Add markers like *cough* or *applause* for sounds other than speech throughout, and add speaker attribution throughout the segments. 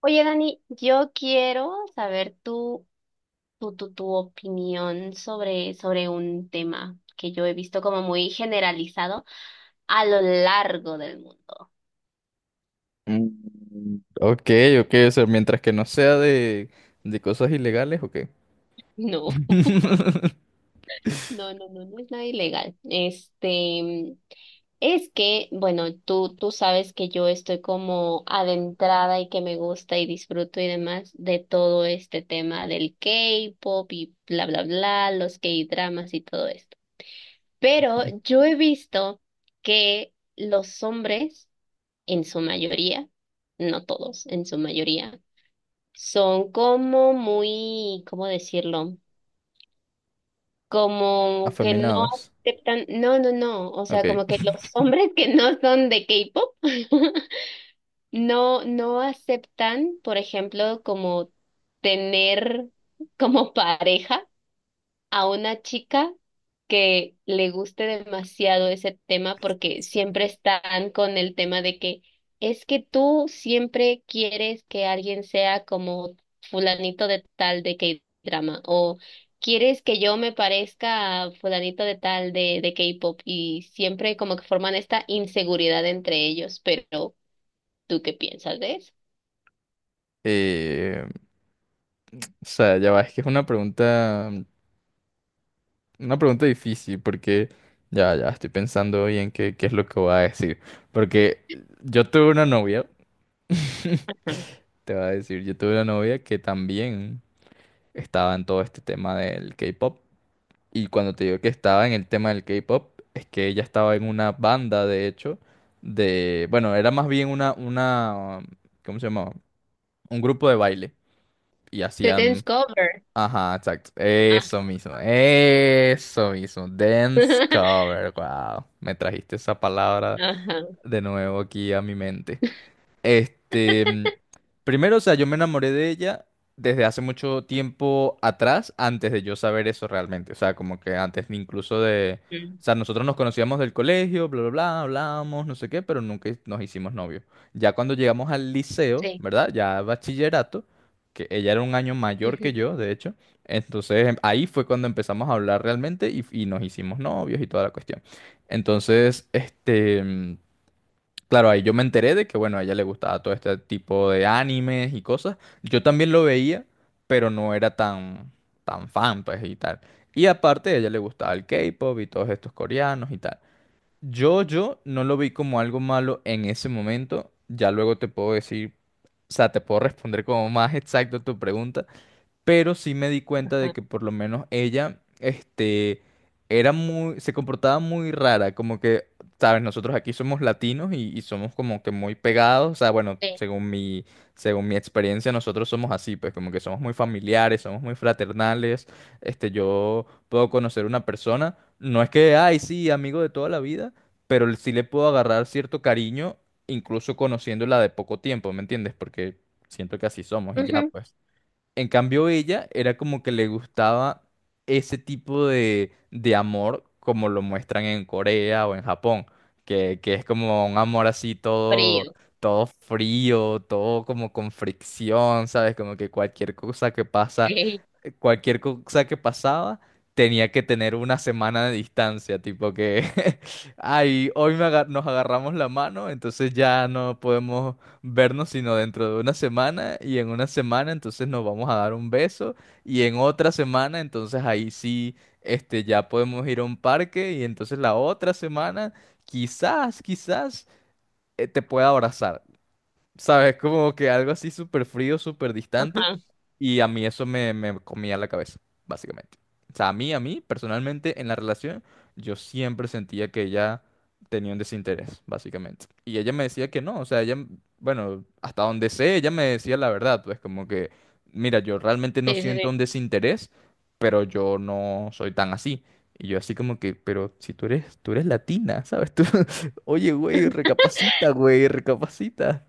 Speaker 1: Oye, Dani, yo quiero saber tu opinión sobre un tema que yo he visto como muy generalizado a lo largo del mundo.
Speaker 2: Mm, Ok, ok, o sea, mientras que no sea de cosas ilegales, ok.
Speaker 1: *laughs*
Speaker 2: *laughs*
Speaker 1: No, no, no, no, no es nada ilegal. Este, es que, bueno, tú sabes que yo estoy como adentrada y que me gusta y disfruto y demás de todo este tema del K-pop y bla, bla, bla, los K-dramas y todo esto. Pero yo he visto que los hombres, en su mayoría, no todos, en su mayoría, son como muy, ¿cómo decirlo? Como que no
Speaker 2: Afeminados,
Speaker 1: aceptan, no, no, no, o sea,
Speaker 2: ok.
Speaker 1: como que los hombres que no son de K-pop *laughs* no, no aceptan, por ejemplo, como tener como pareja a una chica que le guste demasiado ese tema porque siempre están con el tema de que es que tú siempre quieres que alguien sea como fulanito de tal de K-drama o quieres que yo me parezca a fulanito de tal de K-pop y siempre como que forman esta inseguridad entre ellos, pero ¿tú qué piensas de eso?
Speaker 2: Eh, o sea, ya va, es que es una pregunta, difícil porque ya estoy pensando bien qué es lo que voy a decir. Porque yo tuve una novia, *laughs*
Speaker 1: Ajá.
Speaker 2: te voy a decir, yo tuve una novia que también estaba en todo este tema del K-pop. Y cuando te digo que estaba en el tema del K-pop, es que ella estaba en una banda, de hecho, bueno, era más bien una, ¿cómo se llamaba? Un grupo de baile. Y
Speaker 1: The Dance
Speaker 2: hacían,
Speaker 1: Cover.
Speaker 2: ajá, exacto,
Speaker 1: Ah.
Speaker 2: eso mismo, dance
Speaker 1: *laughs*
Speaker 2: cover, wow, me trajiste esa palabra
Speaker 1: Ajá.
Speaker 2: de nuevo aquí a mi mente. Este, primero, o sea, yo me enamoré de ella desde hace mucho tiempo atrás, antes de yo saber eso realmente. O sea, como que antes ni incluso de...
Speaker 1: Mm.
Speaker 2: O sea, nosotros nos conocíamos del colegio, bla, bla, bla, hablábamos, no sé qué, pero nunca nos hicimos novios. Ya cuando llegamos al liceo,
Speaker 1: Sí.
Speaker 2: ¿verdad? Ya bachillerato, que ella era un año mayor que
Speaker 1: Ujú.
Speaker 2: yo, de hecho. Entonces, ahí fue cuando empezamos a hablar realmente y nos hicimos novios y toda la cuestión. Entonces, este, claro, ahí yo me enteré de que, bueno, a ella le gustaba todo este tipo de animes y cosas. Yo también lo veía, pero no era tan fan, pues, y tal. Y aparte, a ella le gustaba el K-pop y todos estos coreanos y tal. Yo no lo vi como algo malo en ese momento. Ya luego te puedo decir, o sea, te puedo *laughs* responder como más exacto tu pregunta, pero sí me di cuenta de
Speaker 1: Ajá.
Speaker 2: que por lo menos ella, este, se comportaba muy rara, como que, sabes, nosotros aquí somos latinos y somos como que muy pegados, o sea, bueno,
Speaker 1: Sí.
Speaker 2: según mi experiencia, nosotros somos así, pues como que somos muy familiares, somos muy fraternales, este, yo puedo conocer una persona, no es que, ay, sí, amigo de toda la vida, pero sí le puedo agarrar cierto cariño, incluso conociéndola de poco tiempo, ¿me entiendes? Porque siento que así somos y ya,
Speaker 1: Ujú.
Speaker 2: pues. En cambio, ella era como que le gustaba ese tipo de amor como lo muestran en Corea o en Japón, que es como un amor así todo,
Speaker 1: Frío.
Speaker 2: todo frío, todo como con fricción, ¿sabes? Como que
Speaker 1: *laughs* Ok.
Speaker 2: cualquier cosa que pasaba tenía que tener una semana de distancia, tipo que, *laughs* ay, hoy nos agarramos la mano, entonces ya no podemos vernos sino dentro de una semana y en una semana entonces nos vamos a dar un beso y en otra semana entonces ahí sí este ya podemos ir a un parque y entonces la otra semana quizás te pueda abrazar, ¿sabes? Como que algo así súper frío, súper distante.
Speaker 1: Ajá,
Speaker 2: Y a mí eso me comía la cabeza, básicamente. O sea, a mí, personalmente, en la relación, yo siempre sentía que ella tenía un desinterés, básicamente. Y ella me decía que no, o sea, ella, bueno, hasta donde sé, ella me decía la verdad, pues como que, mira, yo realmente no
Speaker 1: sí, sí,
Speaker 2: siento
Speaker 1: sí.
Speaker 2: un desinterés, pero yo no soy tan así. Y yo así como que, pero si tú eres latina, ¿sabes? Tú, *laughs* oye, güey, recapacita, güey, recapacita.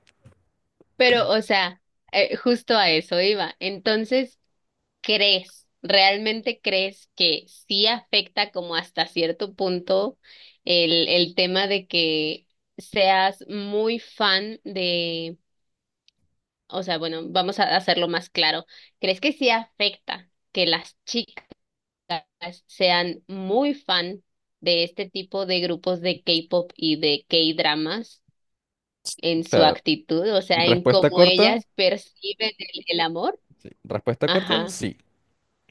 Speaker 1: Pero, o sea, justo a eso iba. Entonces, ¿crees, realmente crees que sí afecta como hasta cierto punto el tema de que seas muy fan de, o sea, bueno, vamos a hacerlo más claro. ¿Crees que sí afecta que las chicas sean muy fan de este tipo de grupos de K-pop y de K-dramas?
Speaker 2: O
Speaker 1: En su
Speaker 2: sea,
Speaker 1: actitud, o sea, en
Speaker 2: respuesta
Speaker 1: cómo
Speaker 2: corta,
Speaker 1: ellas perciben el amor.
Speaker 2: sí. Respuesta corta,
Speaker 1: Ajá.
Speaker 2: sí,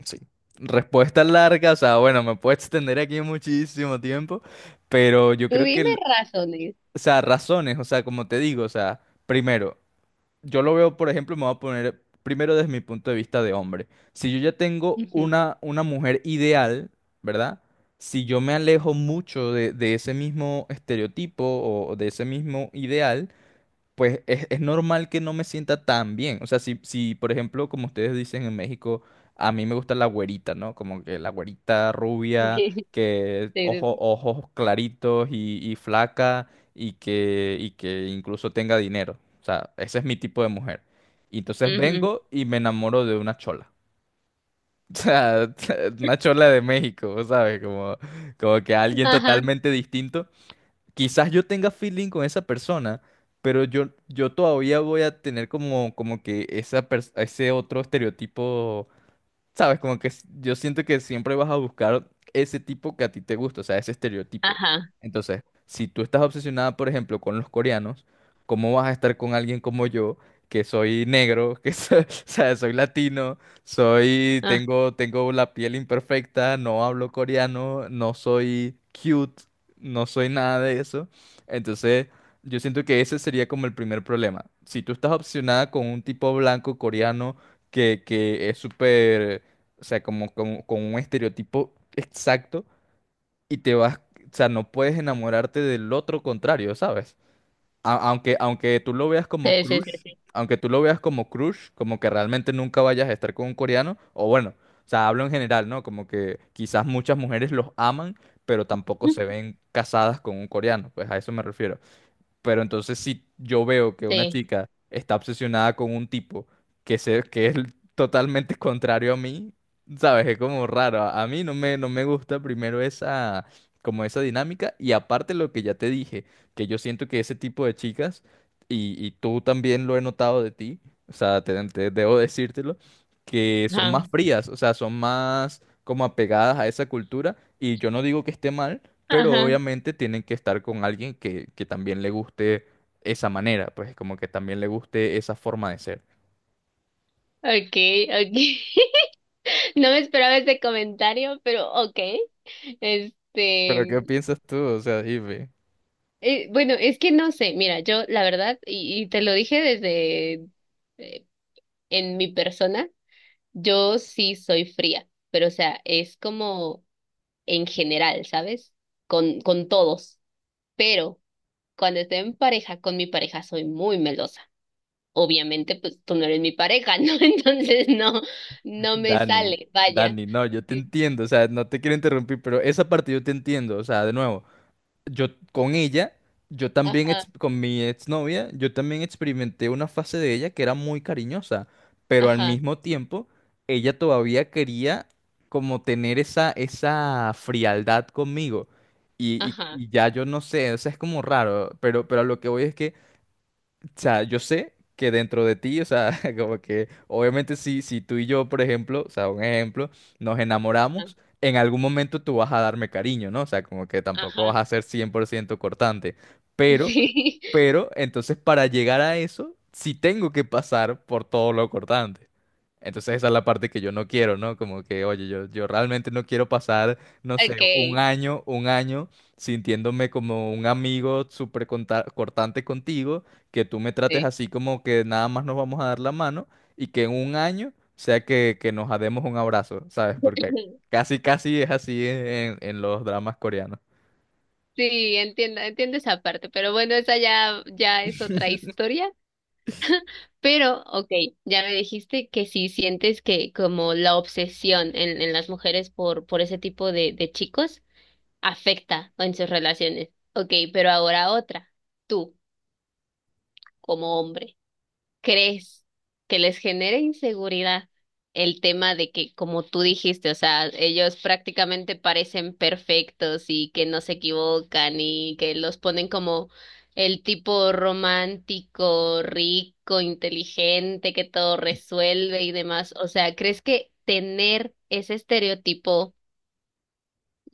Speaker 2: sí. Respuesta larga, o sea, bueno, me puedo extender aquí muchísimo tiempo, pero yo
Speaker 1: Tú
Speaker 2: creo que,
Speaker 1: dime razones.
Speaker 2: o sea, razones, o sea, como te digo, o sea, primero, yo lo veo, por ejemplo, me voy a poner primero desde mi punto de vista de hombre. Si yo ya tengo
Speaker 1: Ujú.
Speaker 2: una mujer ideal, ¿verdad? Si yo me alejo mucho de ese mismo estereotipo o de ese mismo ideal, pues es normal que no me sienta tan bien. O sea, si, por ejemplo, como ustedes dicen en México, a mí me gusta la güerita, ¿no? Como que la güerita rubia,
Speaker 1: *laughs*
Speaker 2: que
Speaker 1: Sí, sí, sí.
Speaker 2: ojos claritos y flaca y que incluso tenga dinero. O sea, ese es mi tipo de mujer. Y entonces
Speaker 1: Ujú.
Speaker 2: vengo y me enamoro de una chola. *laughs* O sea, una chola de México, ¿sabes? Como que alguien
Speaker 1: Ajá,
Speaker 2: totalmente distinto quizás yo tenga feeling con esa persona, pero yo todavía voy a tener como que ese otro estereotipo, sabes, como que yo siento que siempre vas a buscar ese tipo que a ti te gusta, o sea, ese estereotipo.
Speaker 1: ajá.
Speaker 2: Entonces, si tú estás obsesionada, por ejemplo, con los coreanos, ¿cómo vas a estar con alguien como yo, que soy negro, *laughs* o sea, soy latino,
Speaker 1: Ah,
Speaker 2: tengo la piel imperfecta, no hablo coreano, no soy cute, no soy nada de eso? Entonces, yo siento que ese sería como el primer problema. Si tú estás obsesionada con un tipo blanco coreano que es súper o sea, como con un estereotipo exacto y te vas, o sea, no puedes enamorarte del otro contrario, ¿sabes? A- aunque, aunque tú lo veas como
Speaker 1: sí, sí, sí,
Speaker 2: crush,
Speaker 1: sí.
Speaker 2: aunque tú lo veas como crush, como que realmente nunca vayas a estar con un coreano, o bueno, o sea, hablo en general, ¿no? Como que quizás muchas mujeres los aman, pero tampoco se
Speaker 1: Ujú.
Speaker 2: ven casadas con un coreano, pues a eso me refiero. Pero entonces si yo veo que una
Speaker 1: Sí,
Speaker 2: chica está obsesionada con un tipo que es totalmente *laughs* contrario a mí, ¿sabes? Es como raro. A mí no me gusta primero esa, como esa dinámica. Y aparte lo que ya te dije, que yo siento que ese tipo de chicas, y tú también lo he notado de ti, o sea, debo decírtelo, que son
Speaker 1: ajá,
Speaker 2: más frías, o sea, son más como apegadas a esa cultura. Y yo no digo que esté mal, pero
Speaker 1: ajá.
Speaker 2: obviamente tienen que estar con alguien que también le guste esa manera, pues como que también le guste esa forma de ser.
Speaker 1: Okay, okay. *laughs* No me esperaba ese comentario, pero okay.
Speaker 2: Pero ¿qué
Speaker 1: Este,
Speaker 2: piensas tú? O sea, dime,
Speaker 1: bueno, es que no sé, mira, yo la verdad, y te lo dije desde eh, en mi persona. Yo sí soy fría, pero o sea, es como en general, ¿sabes? Con todos. Pero cuando estoy en pareja con mi pareja soy muy melosa. Obviamente, pues tú no eres mi pareja, ¿no? *laughs* Entonces
Speaker 2: *laughs*
Speaker 1: no me
Speaker 2: Dani,
Speaker 1: sale, vaya.
Speaker 2: Dani, no, yo te
Speaker 1: Sí.
Speaker 2: entiendo, o sea, no te quiero interrumpir, pero esa parte yo te entiendo, o sea, de nuevo. Yo con ella, yo también,
Speaker 1: Ajá,
Speaker 2: con mi exnovia, yo también experimenté una fase de ella que era muy cariñosa, pero al
Speaker 1: ajá,
Speaker 2: mismo tiempo, ella todavía quería como tener esa frialdad conmigo. Y,
Speaker 1: ajá,
Speaker 2: y- y ya yo no sé, o sea, es como raro, pero a lo que voy es que o sea, yo sé que dentro de ti, o sea, *laughs* como que obviamente si tú y yo, por ejemplo, o sea, un ejemplo, nos
Speaker 1: a-
Speaker 2: enamoramos, en algún momento tú vas a darme cariño, ¿no? O sea, como que tampoco vas
Speaker 1: ajá.
Speaker 2: a ser 100% cortante, pero
Speaker 1: Sí,
Speaker 2: pero entonces para llegar a eso, sí tengo que pasar por todo lo cortante. Entonces esa es la parte que yo no quiero, ¿no? Como que, oye, yo realmente no quiero pasar, no
Speaker 1: *laughs*
Speaker 2: sé, un
Speaker 1: okay,
Speaker 2: año, un año sintiéndome como un amigo súper cortante contigo, que tú me trates
Speaker 1: sí.
Speaker 2: así como que nada más nos vamos a dar la mano y que en un año sea que nos demos un abrazo, ¿sabes? Porque
Speaker 1: *laughs*
Speaker 2: casi, casi es así en los dramas coreanos.
Speaker 1: Sí, entiendo, entiendo esa parte, pero bueno, esa ya, ya es otra historia. Pero, ok, ya me dijiste que si sientes que como la obsesión en las mujeres por ese tipo de chicos afecta en sus relaciones. Ok, pero ahora otra, tú como hombre crees que les genere inseguridad el tema de que, como tú dijiste, o sea, ellos prácticamente parecen perfectos y que no se equivocan y que los ponen como el tipo romántico, rico, inteligente, que todo resuelve y demás. O sea, ¿crees que tener ese estereotipo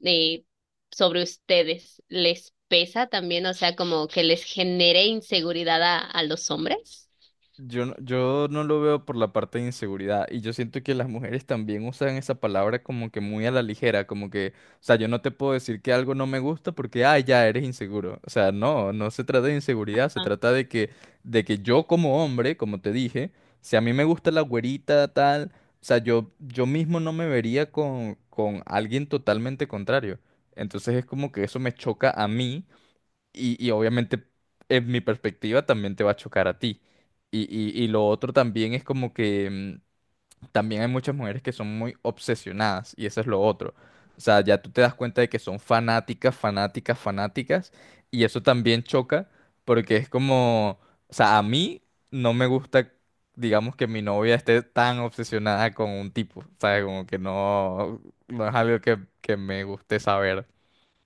Speaker 1: eh, sobre ustedes les pesa también? O sea, ¿como que les genere inseguridad a los hombres?
Speaker 2: Yo no lo veo por la parte de inseguridad y yo siento que las mujeres también usan esa palabra como que muy a la ligera, como que, o sea, yo no te puedo decir que algo no me gusta porque, ah, ya eres inseguro. O sea, no, no se trata de inseguridad, se trata de que, yo como hombre, como te dije, si a mí me gusta la güerita tal, o sea, yo mismo no me vería con alguien totalmente contrario. Entonces es como que eso me choca a mí y obviamente en mi perspectiva también te va a chocar a ti. Y lo otro también es como que también hay muchas mujeres que son muy obsesionadas y eso es lo otro. O sea, ya tú te das cuenta de que son fanáticas, fanáticas, fanáticas y eso también choca porque es como, o sea, a mí no me gusta, digamos, que mi novia esté tan obsesionada con un tipo, ¿sabes? Como que no, no es algo que me guste saber.